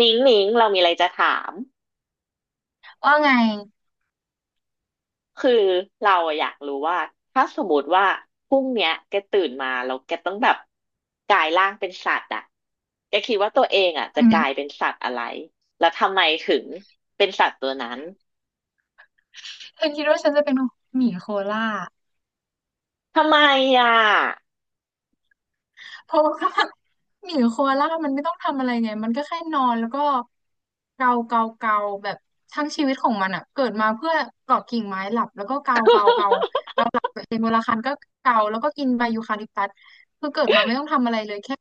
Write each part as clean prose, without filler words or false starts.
นิ้งนิ้งเรามีอะไรจะถาม ว่าไงคือเราอะอยากรู้ว่าถ้าสมมติว่าพรุ่งเนี้ยแกตื่นมาแล้วแกต้องแบบกลายร่างเป็นสัตว์อะแกคิดว่าตัวเองอะจะอืกลายมเป็นสัตว์อะไรแล้วทำไมถึงเป็นสัตว์ตัวนั้น เธอคิดว่าฉันจะเป็นหมีโคล่า ทำไมอะเพราะว่าหมีโคอาล่ามันไม่ต้องทำอะไรไงมันก็แค่นอนแล้วก็เกาเกาเกาแบบทั้งชีวิตของมันอ่ะเกิดมาเพื่อเกาะกิ่งไม้หลับแล้วก็เกาเกาเกาเกาหลับเองเวลาคันก็เกาแล้วก็กินใบยูคาลิปตัสคือเกิดมาไม่ต้องทำอะไรเลยแค่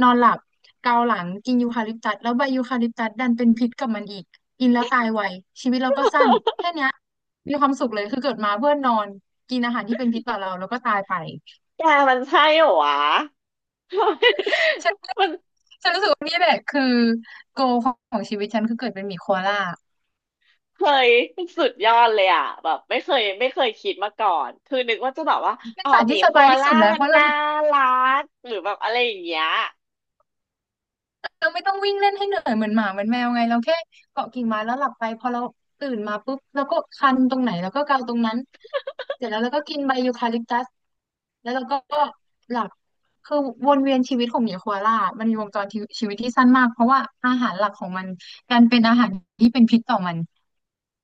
นอนหลับเกาหลังกินยูคาลิปตัสแล้วใบยูคาลิปตัสดันเป็นพิษกับมันอีกกินแล้วตายไวชีวิตเราก็สั้นแค่เนี้ยมีความสุขเลยคือเกิดมาเพื่อนอนกินอาหารที่เป็นพิษต่อเราแล้วก็ตายไป แกมันใช่เหรอวะ ฉัน มันฉันรู้สึกว่านี่แหละคือโกของชีวิตฉันคือเกิดเป็นหมีโคอาล่าเคยสุดยอดเลยอะแบบไม่เคยคิดมาก่อนคือนึกว่าจะแบบว่าเป็นอ๋อสัตว์หมีที่สโคบายอาที่ล่าสุดแล้วมัเพนราะเราน่ารักหรือแบบอะไรอย่างเงี้ย เราไม่ต้องวิ่งเล่นให้เหนื่อยเหมือนหมาเหมือนแมวไงเราแค่เกาะกิ่งไม้แล้วหลับไปพอเราตื่นมาปุ๊บเราก็คันตรงไหนเราก็เกาตรงนั้นเสร็จแล้วเราก็กินใบยูคาลิปตัสแล้วเราก็หลับคือวนเวียนชีวิตของหมีโคอาล่ามันมีวงจรชีวิตที่สั้นมากเพราะว่าอาหารหลักของมันดันเป็นอาหารที่เป็นพิษต่อมัน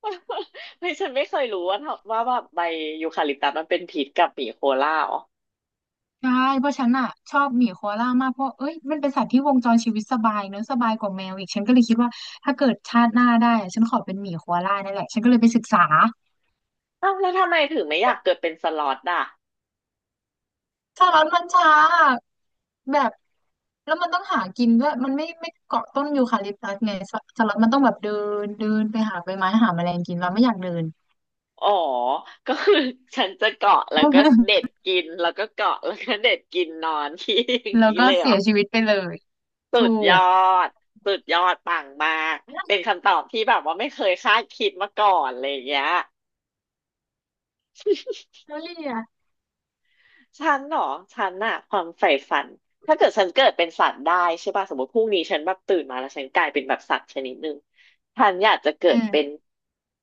เฮ้ยฉันไม่เคยรู้ว่าแบบใบยูคาลิปตัสมันเป็นพิษกับหมีโคล่าอ๋อใช่เพราะฉันอ่ะชอบหมีโคอาล่ามากเพราะเอ้ยมันเป็นสัตว์ที่วงจรชีวิตสบายเนอะสบายกว่าแมวอีกฉันก็เลยคิดว่าถ้าเกิดชาติหน้าได้อะฉันขอเป็นหมีโคอาล่านั่นแหละฉันก็เลยไปศึกษาอ้าวแล้วทำไมถึงไม่อยากเกิดเป็นสล็อตอ่ะแล้มันช้าแบบแล้วมันต้องหากินด้วยมันไม่เกาะต้นยูคาลิปตัสไงสสลันมันต้องแบบเดินเดินไปหาใบไม้หาแมลงกินเราไม่อยากเดิน อ๋อก็คือฉันจะเกาะแล้วก็เด็ดกินแล้วก็เกาะแล้วก็เด็ดกินนอนที่ อย่า งแล้วนี้ก็เลยเหรเสีอยชีวิตไปเลยสุถูดยอกดสุดยอดปังมากแลเป็นนคำตอบที่แบบว่าไม่เคยคาดคิดมาก่อนเลยางเงี้ย วลี่อะฉันเหรอฉันอะความใฝ่ฝันถ้าเกิดฉันเกิดเป็นสัตว์ได้ใช่ป่ะสมมติพรุ่งนี้ฉันแบบตื่นมาแล้วฉันกลายเป็นแบบสัตว์ชนิดหนึ่งฉันอยากจะเกิอืดม เป็ น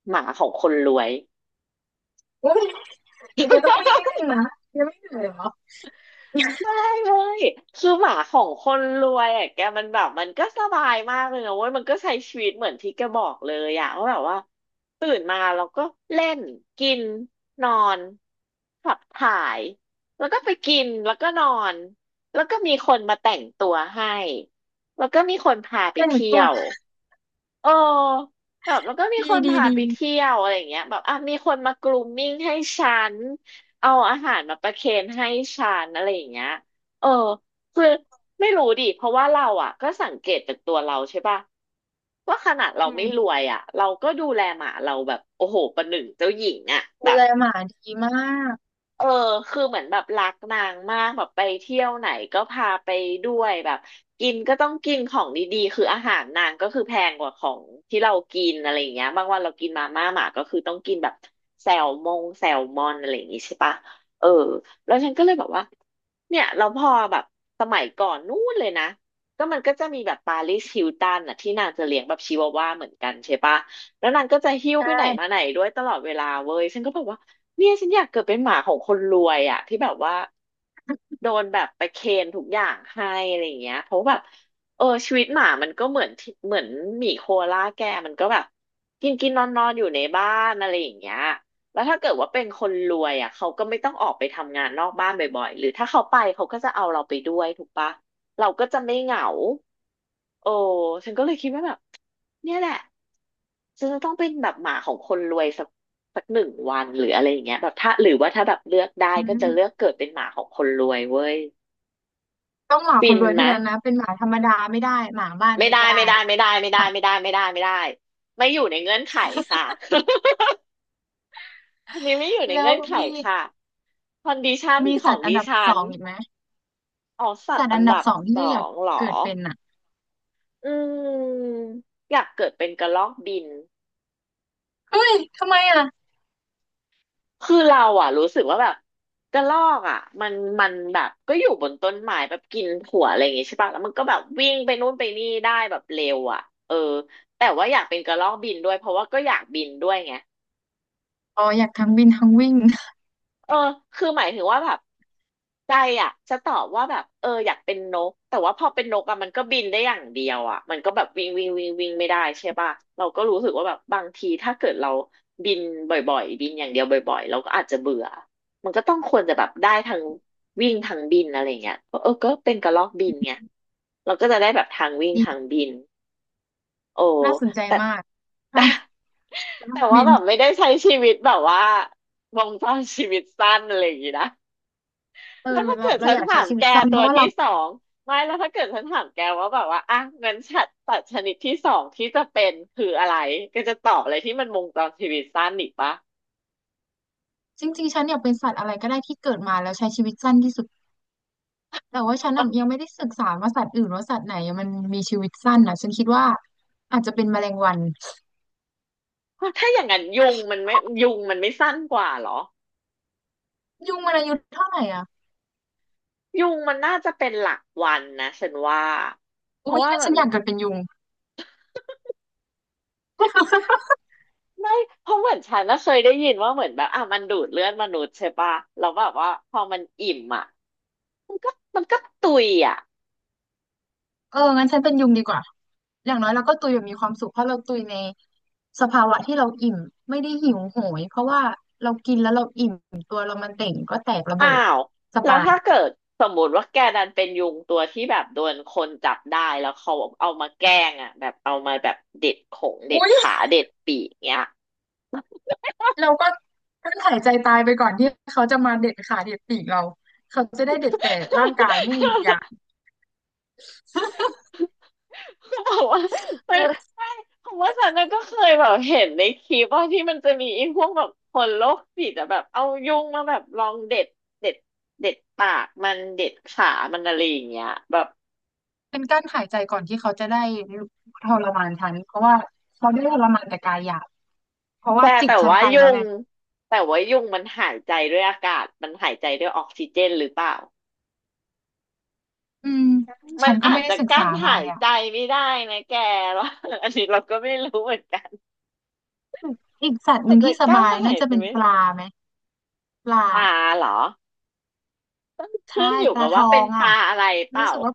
หมาของคนรวย โอ้ยเดี๋ยวต้องวิ่งเล่นนะยังไม่เหนื่อยเหรอได้เลยคือหมาของคนรวยอ่ะแกมันแบบมันก็สบายมากเลยนะเว้ยมันก็ใช้ชีวิตเหมือนที่แกบอกเลยอ่ะว่าแบบว่าตื่นมาเราก็เล่นกินนอนขับถ่ายแล้วก็ไปกินแล้วก็นอนแล้วก็มีคนมาแต่งตัวให้แล้วก็มีคนพาไปแต่งเที่ตัยว ว เออแบบแล้วก็มีดีคนดีพาดีไปเที่ยวอะไรอย่างเงี้ยแบบอ่ะมีคนมากรูมมิ่งให้ฉันเอาอาหารมาประเคนให้ฉันอะไรอย่างเงี้ยเออคือไม่รู้ดิเพราะว่าเราอ่ะก็สังเกตจากตัวเราใช่ป่ะว่าขนาดเราอืไม่มรวยอ่ะเราก็ดูแลหมาเราแบบโอ้โหประหนึ่งเจ้าหญิงอ่ะดูแบบ แลหมาดีมากเออ คือเหมือนแบบรักนางมากแบบไปเที่ยวไหนก็พาไปด้วยแบบกินก็ต้องกินของดีๆคืออาหารนางก็คือแพงกว่าของที่เรากินอะไรอย่างเงี้ยบางวันเรากินมาม่าหมาก็คือต้องกินแบบแซลมอนอะไรอย่างงี้ใช่ปะเออแล้วฉันก็เลยแบบว่า เนี่ยเราพอแบบสมัยก่อนนู้นเลยนะก็มันก็จะมีแบบปาริสฮิลตันน่ะที่นางจะเลี้ยงแบบชิวาว่าเหมือนกันใช่ปะแล้วนางก็จะหิ้วใชไปไหนมาไหน่ด้วยตลอดเวลาเว้ยฉันก็แบบว่าเนี่ยฉันอยากเกิดเป็นหมาของคนรวยอ่ะที่แบบว่าโดนแบบไปเคนทุกอย่างให้อะไรอย่างเงี้ยเพราะแบบเออชีวิตหมามันก็เหมือนที่เหมือนหมีโคอาล่าแกมันก็แบบกินกินนอนนอนอยู่ในบ้านอะไรอย่างเงี้ย แล้วถ้าเกิดว่าเป็นคนรวยอ่ะเขาก็ไม่ต้องออกไปทำงานนอกบ้านบ่อยๆหรือถ้าเขาไปเขาก็จะเอาเราไปด้วยถูกปะเราก็จะไม่เหงาโอ้ฉันก็เลยคิดว่าแบบเนี่ยแหละฉันจะต้องเป็นแบบหมาของคนรวยสัก1 วันหรืออะไรอย่างเงี้ยแบบถ้าหรือว่าถ้าแบบเลือกได้อืก็จะเลือกมเกิดเป็นหมาของคนรวยเว้ยต้องหมาคฟินนรวยเท่านะนั้นนะเป็นหมาธรรมดาไม่ได้หมาบ้านไม่ไม่ได้ได้ไม่ได้ไม่ได้ไม่หได้มาไม่ได้ไม่ได้ไม่ได้ไม่อยู่ในเงื่อนไขค่ะ อันนี้ไม่อยู่ในแล้วเงื่อนไขมีค่ะคอนดิชันมีขอสังตว์อันดิดับฉัสน องอีกไหมอ๋อสัตสัตว์ว์อัอันนดับดับสองสอที่อยากงเหรอเกิดเป็นอ่ะอืมอยากเกิดเป็นกระรอกบิน เฮ้ยทำไมอ่ะคือเราอ่ะรู้สึกว่าแบบกระรอกอ่ะมันแบบก็อยู่บนต้นไม้แบบกินถั่วอะไรอย่างงี้ใช่ปะแล้วมันก็แบบวิ่งไปนู่นไปนี่ได้แบบเร็วอ่ะเออแต่ว่าอยากเป็นกระรอกบินด้วยเพราะว่าก็อยากบินด้วยไง อ๋ออยากทั้งบินทั้งวิ่ง เออคือหมายถึงว่าแบบใจอ่ะจะตอบว่าแบบเอออยากเป็นนกแต่ว่าพอเป็นนกอ่ะมันก็บินได้อย่างเดียวอ่ะมันก็แบบวิ่งวิ่งวิ่งวิ่งไม่ได้ใช่ป่ะเราก็รู้สึกว่าแบบบางทีถ้าเกิดเราบินบ่อยๆบินอย่างเดียวบ่อยๆเราก็อาจจะเบื่อมันก็ต้องควรจะแบบได้ทั้งวิ่งทั้งบินอะไรเงี้ยเออก็เป็นกระรอกบินไงเราก็จะได้แบบทางวิ่ง ทางดีบินโอ้น่าสนใจแต่มากแต่ทั้งแต่บิว่านแบบไม่ได้ใช้ชีวิตแบบว่าวงจรชีวิตสั้นอะไรอย่างงี้นะ เอแล้วอถ้าเราเกิดเราฉันอยากถาใช้มชีวิแกตสั้นตัเพวราะว่าเราที่สองไม่แล้วถ้าเกิดฉันถามแกว่าแบบว่าอ่ะงั้นสัตว์ชนิดที่สองที่จะเป็นคืออะไรแกจะตอบอะไรที่มันวงจรชีวิตสั้นอีกปะจริงๆฉันอยากเป็นสัตว์อะไรก็ได้ที่เกิดมาแล้วใช้ชีวิตสั้นที่สุด แต่ว่าฉันน่ะยังไม่ได้ศึกษาว่าสัตว์อื่นว่าสัตว์ไหนมันมีชีวิตสั้นนะฉันคิดว่าอาจจะเป็นแมลงวันเพราะถ้าอย่างนั้นยุงมันไม่สั้นกว่าเหรอยุงมันอายุเท่าไหร่อ่ะยุงมันน่าจะเป็นหลักวันนะฉันว่าเพอุ้ราะยว่างั้นแบฉับนอยากเกิดเป็นยุง ไม่เพราะเหมือนฉันน่ะเคยได้ยินว่าเหมือนแบบอ่ะมันดูดเลือดมนุษย์ใช่ปะแล้วแบบว่าพอมันอิ่มอ่ะมันก็มันก็ตุยอ่ะ เอองั้นฉันเป็นยุงดีกว่าอย่างน้อยเราก็ตุยแบบมีความสุขเพราะเราตุยในสภาวะที่เราอิ่มไม่ได้หิวโหยเพราะว่าเรากินแล้วเราอิ่มตัวเรามันเต่งก็แตกระเบิอ้าดวสแล้วบายถ้าเกิดสมมติว่าแกดันเป็นยุงตัวที่แบบโดนคนจับได้แล้วเขาเอามาแกล้งอ่ะแบบเอามาแบบเด็ดขงเด็ดอุ้ยขาเด็ดปีกเงี้ย เราก็กั้นหายใจตายไปก่อนที่เขาจะมาเด็ดขาเด็ดปีกเราเขาจะได้เด็ดแต่ร่างกายไม่มีวิญญาณบอกว่ามันเออ ผมว่าฉันน่ะก็เคยแบบเห็นในคลิปว่าที่มันจะมีไอ้พวกแบบคนโรคจิตอะแบบเอายุงมาแบบลองเด็ดเด็ดปากมันเด็ดขามันอะไรอย่างเงี้ยแบบ เป็นกั้นหายใจก่อนที่เขาจะได้ทรมานฉันเพราะว่าเขาได้ทรมานแต่กายหยาบเพราะแกว่าจิตแต่ฉันว่าไปแล้ยุวงไงแต่ว่ายุงมันหายใจด้วยอากาศมันหายใจด้วยออกซิเจนหรือเปล่าอืมมัฉันนก็อาไม่จได้จะศึกกั้นษาหามายเนี่ยอะใจไม่ได้นะแก ว่า อันนี้เราก็ไม่รู้เหมือนกันอีกสัตว์หอาจนึ่งจะที่สกั้นบายหาน่ายจะใจเป็นไม่ปได้ลาไหมปลาปลาเหรอต้องใช่ขึ้นอยู่ปลากับทว่าอเป็นงปอ่ะลาอะไรเปรู้ล่าสึกว่า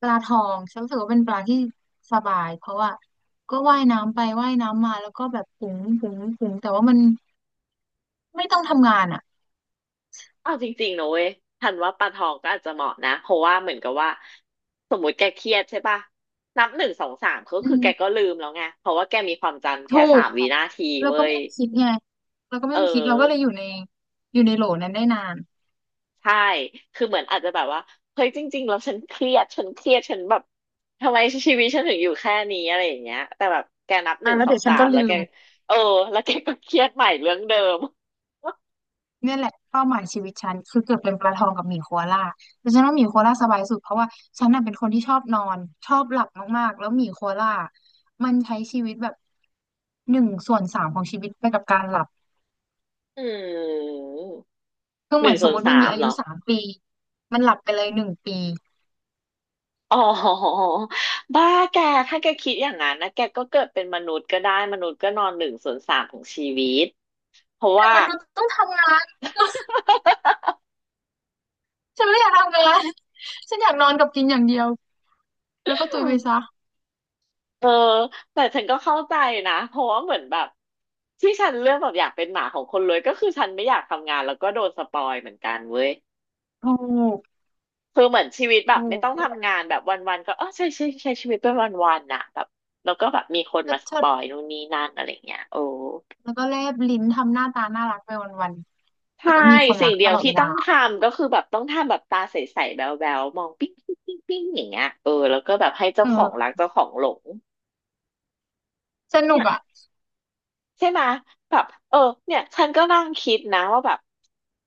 ปลาทองฉันรู้สึกว่าเป็นปลาที่สบายเพราะว่าก็ว่ายน้ำไปว่ายน้ำมาแล้วก็แบบปุ๋งปุ๋งปุ๋งแต่ว่ามันไม่ต้องทำงานอ่ะเอาจริงๆนะเว้ยทันว่าปลาทองก็อาจจะเหมาะนะเพราะว่าเหมือนกับว่าสมมติแกเครียดใช่ปะนับหนึ่งสองสามก็อืคือแกม ก็ลืมแล้วไงเพราะว่าแกมีความจำถูแค่สากมวินาทีเราเว้ก็ไม่ยต้องคิดไงเราก็ไม่เอต้องคิด เราก็เลยออ ยู่ใน อยู่ในโหลนั้นได้นานใช่ คือเหมือนอาจจะแบบว่า เฮ้ยจริงๆแล้วฉันเครียด ฉันแบบทำไมชีวิตฉันถึงอยู่แค่นี้อะไรอย่างเงี้ยแต่แบบแกนับหอ่ะนึ่งแล้วสอเดี๋งยวฉัสานก็มแล้วลืแกมเออแล้วแกก็เครียดใหม่เรื่องเดิม เนี่ยแหละเป้าหมายชีวิตฉันคือเกิดเป็นปลาทองกับหมีโคอาล่าแต่ฉันว่าหมีโคอาล่าสบายสุดเพราะว่าฉันน่ะเป็นคนที่ชอบนอนชอบหลับมากๆแล้วหมีโคอาล่ามันใช้ชีวิตแบบ1/3ของชีวิตไปกับการหลับ อืมคือหเหมืนึ่องนสส่มวมนติสามันมีมอาเหรยุอ 3 ปีมันหลับไปเลย1 ปี อ๋อ บ้าแก ถ้าแกคิดอย่างนั้นนะแกก็เกิดเป็นมนุษย์ก็ได้ มนุษย์ก็นอน1/3ของชีวิต เพราะแต่ว่า มันษย์ต้องทำงาน ฉันไม่อยากทำงานฉันอยากนอนกับกินอย่างเดียวแล้วก็ตุยไปซะ เออแต่ฉันก็เข้าใจนะเพราะว่าเหมือนแบบที่ฉันเลือกแบบอยากเป็นหมาของคนรวยก็คือฉันไม่อยากทำงานแล้วก็โดนสปอยเหมือนกันเว้ยถูกคือเหมือนชีวิตแบถูบไม่กต้องทำงานแบบวันๆก็เออใช่ใช้ชีวิตเป็นวันๆน่ะแบบแล้วก็แบบมีคนเชิมาดสเชิปดอยนู่นนี่นั่นอะไรเงี้ยโอ้แล้วก็แลบลิ้นทำหน้าตาน่ารักไปวันๆแต่ใช่ก็มีคนรัสิ่งกเดีตยวลอดที่เวต้องทลาำก็คือแบบต้องทำแบบตาใสๆแบ๊วๆมองปิ๊งปิ๊งปิ๊งปิ๊งอย่างเงี้ยเออแล้วก็แบบให้เจ้าของรัเออกเจ้าของหลงสนุเนี่กยอ่ะใช่ไหมยแบบเออเนี่ยฉันก็นั่งคิดนะว่าแบบ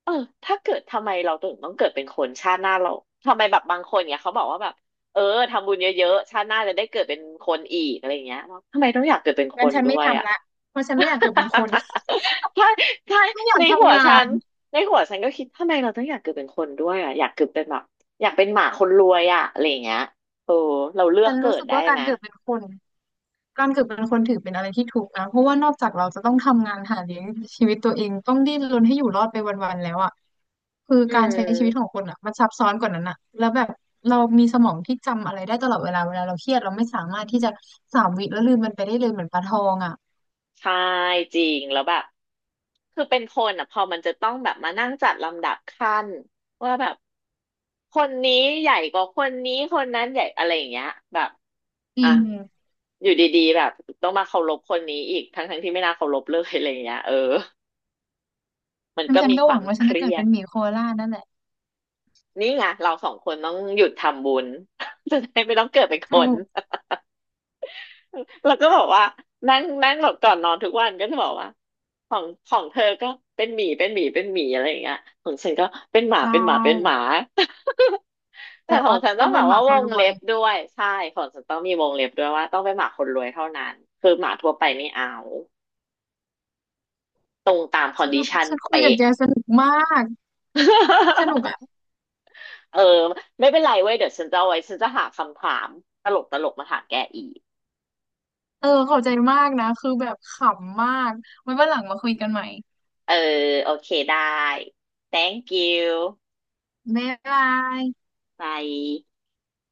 เออถ้าเกิดทำไมเราถึงต้องเกิดเป็นคนชาติหน้าเราทำไมแบบบางคนเนี่ยเขาบอกว่าแบบเออทำบุญเยอะๆชาติหน้าจะได้เกิดเป็นคนอีกอะไรอย่างเงี้ยเราทำไมต้องอยากเกิดเป็นคงั้นนฉันด้ไม่วยอ่ะ ทำละเพราะฉันไม่อยากเกิดเป็ นคน ใช่ใช่ ฉันไม่อยากในหัวทำงาฉันนในหัวฉันก็คิดทำไมเราต้องอยากเกิดเป็นคนด้วยอ่ะอยากเกิดเป็นแบบอยากเป็นหมาคนรวยอ่ะอะไรอย่างเงี้ยเออเราเลือฉักนเกิรู้ดสึกได้ว่ากาไหรมเกิดเป็นคน การเกิดเป็นคนถือเป็นอะไรที่ทุกข์นะเพราะว่านอกจากเราจะต้องทำงานหาเลี้ยงชีวิตตัวเองต้องดิ้นรนให้อยู่รอดไปวันๆแล้วอ่ะคืออืการใช้ชีวิตของมคนอ่ะมันซับซ้อนกว่านั้นอ่ะแล้วแบบเรามีสมองที่จำอะไรได้ตลอดเวลาเวลาเราเครียดเราไม่สามารถที่จะ3 วิแล้วลืมมันไปได้เลยเหมือนปลาทองอ่ะใช่จริงแล้วแบบ คือเป็นคนอ่ะพอมันจะต้องแบบมานั่งจัดลำดับขั้นว่าแบบคนนี้ใหญ่กว่าคนนี้คนนั้นใหญ่อะไรอย่างเงี้ยแบบจอ่ะริงอยู่ดีๆแบบต้องมาเคารพคนนี้อีกทั้งๆที่ไม่น่าเคารพเลยอะไรอย่างเงี้ยเออมันฉันก็ฉันมีก็คหวาวัมงว่าฉัเคนจะรีเกิดยเป็ดนหมีโคอาล่านั่นแหละนี่ไงเราสองคนต้องหยุดทำบุญ จะได้ไม่ต้องเกิดเป็นคถูน ก แล้วก็บอกว่านั่งนั่งแบบก่อนนอนทุกวันก็จะบอกว่าของเธอก็เป็นหมีอะไรอย่างเงี้ยของฉันก็เป็นหมาใช่เป็นหมาเป็นหมา แต่แต่ขอว่างฉันต้ต้อองงแบเป็นบหมาว่าควนงรวเล็ยบด้วยใช่ของฉันต้องมีวงเล็บด้วยว่าต้องเป็นหมาคนรวยเท่านั้นคือหมาทั่วไปไม่เอา ฉันฉันคุยกับแกสนุกมากสนุก เออไม่เป็นไรเว้ยเดี๋ยวฉันจะเอาไว้ฉันจะหาคำถามตลกมาถามแกอีกเออขอบใจมากนะคือแบบขำมากไว้วันหลังมาคุยกันใหม่เออโอเคได้ thank you บ๊ายบาย bye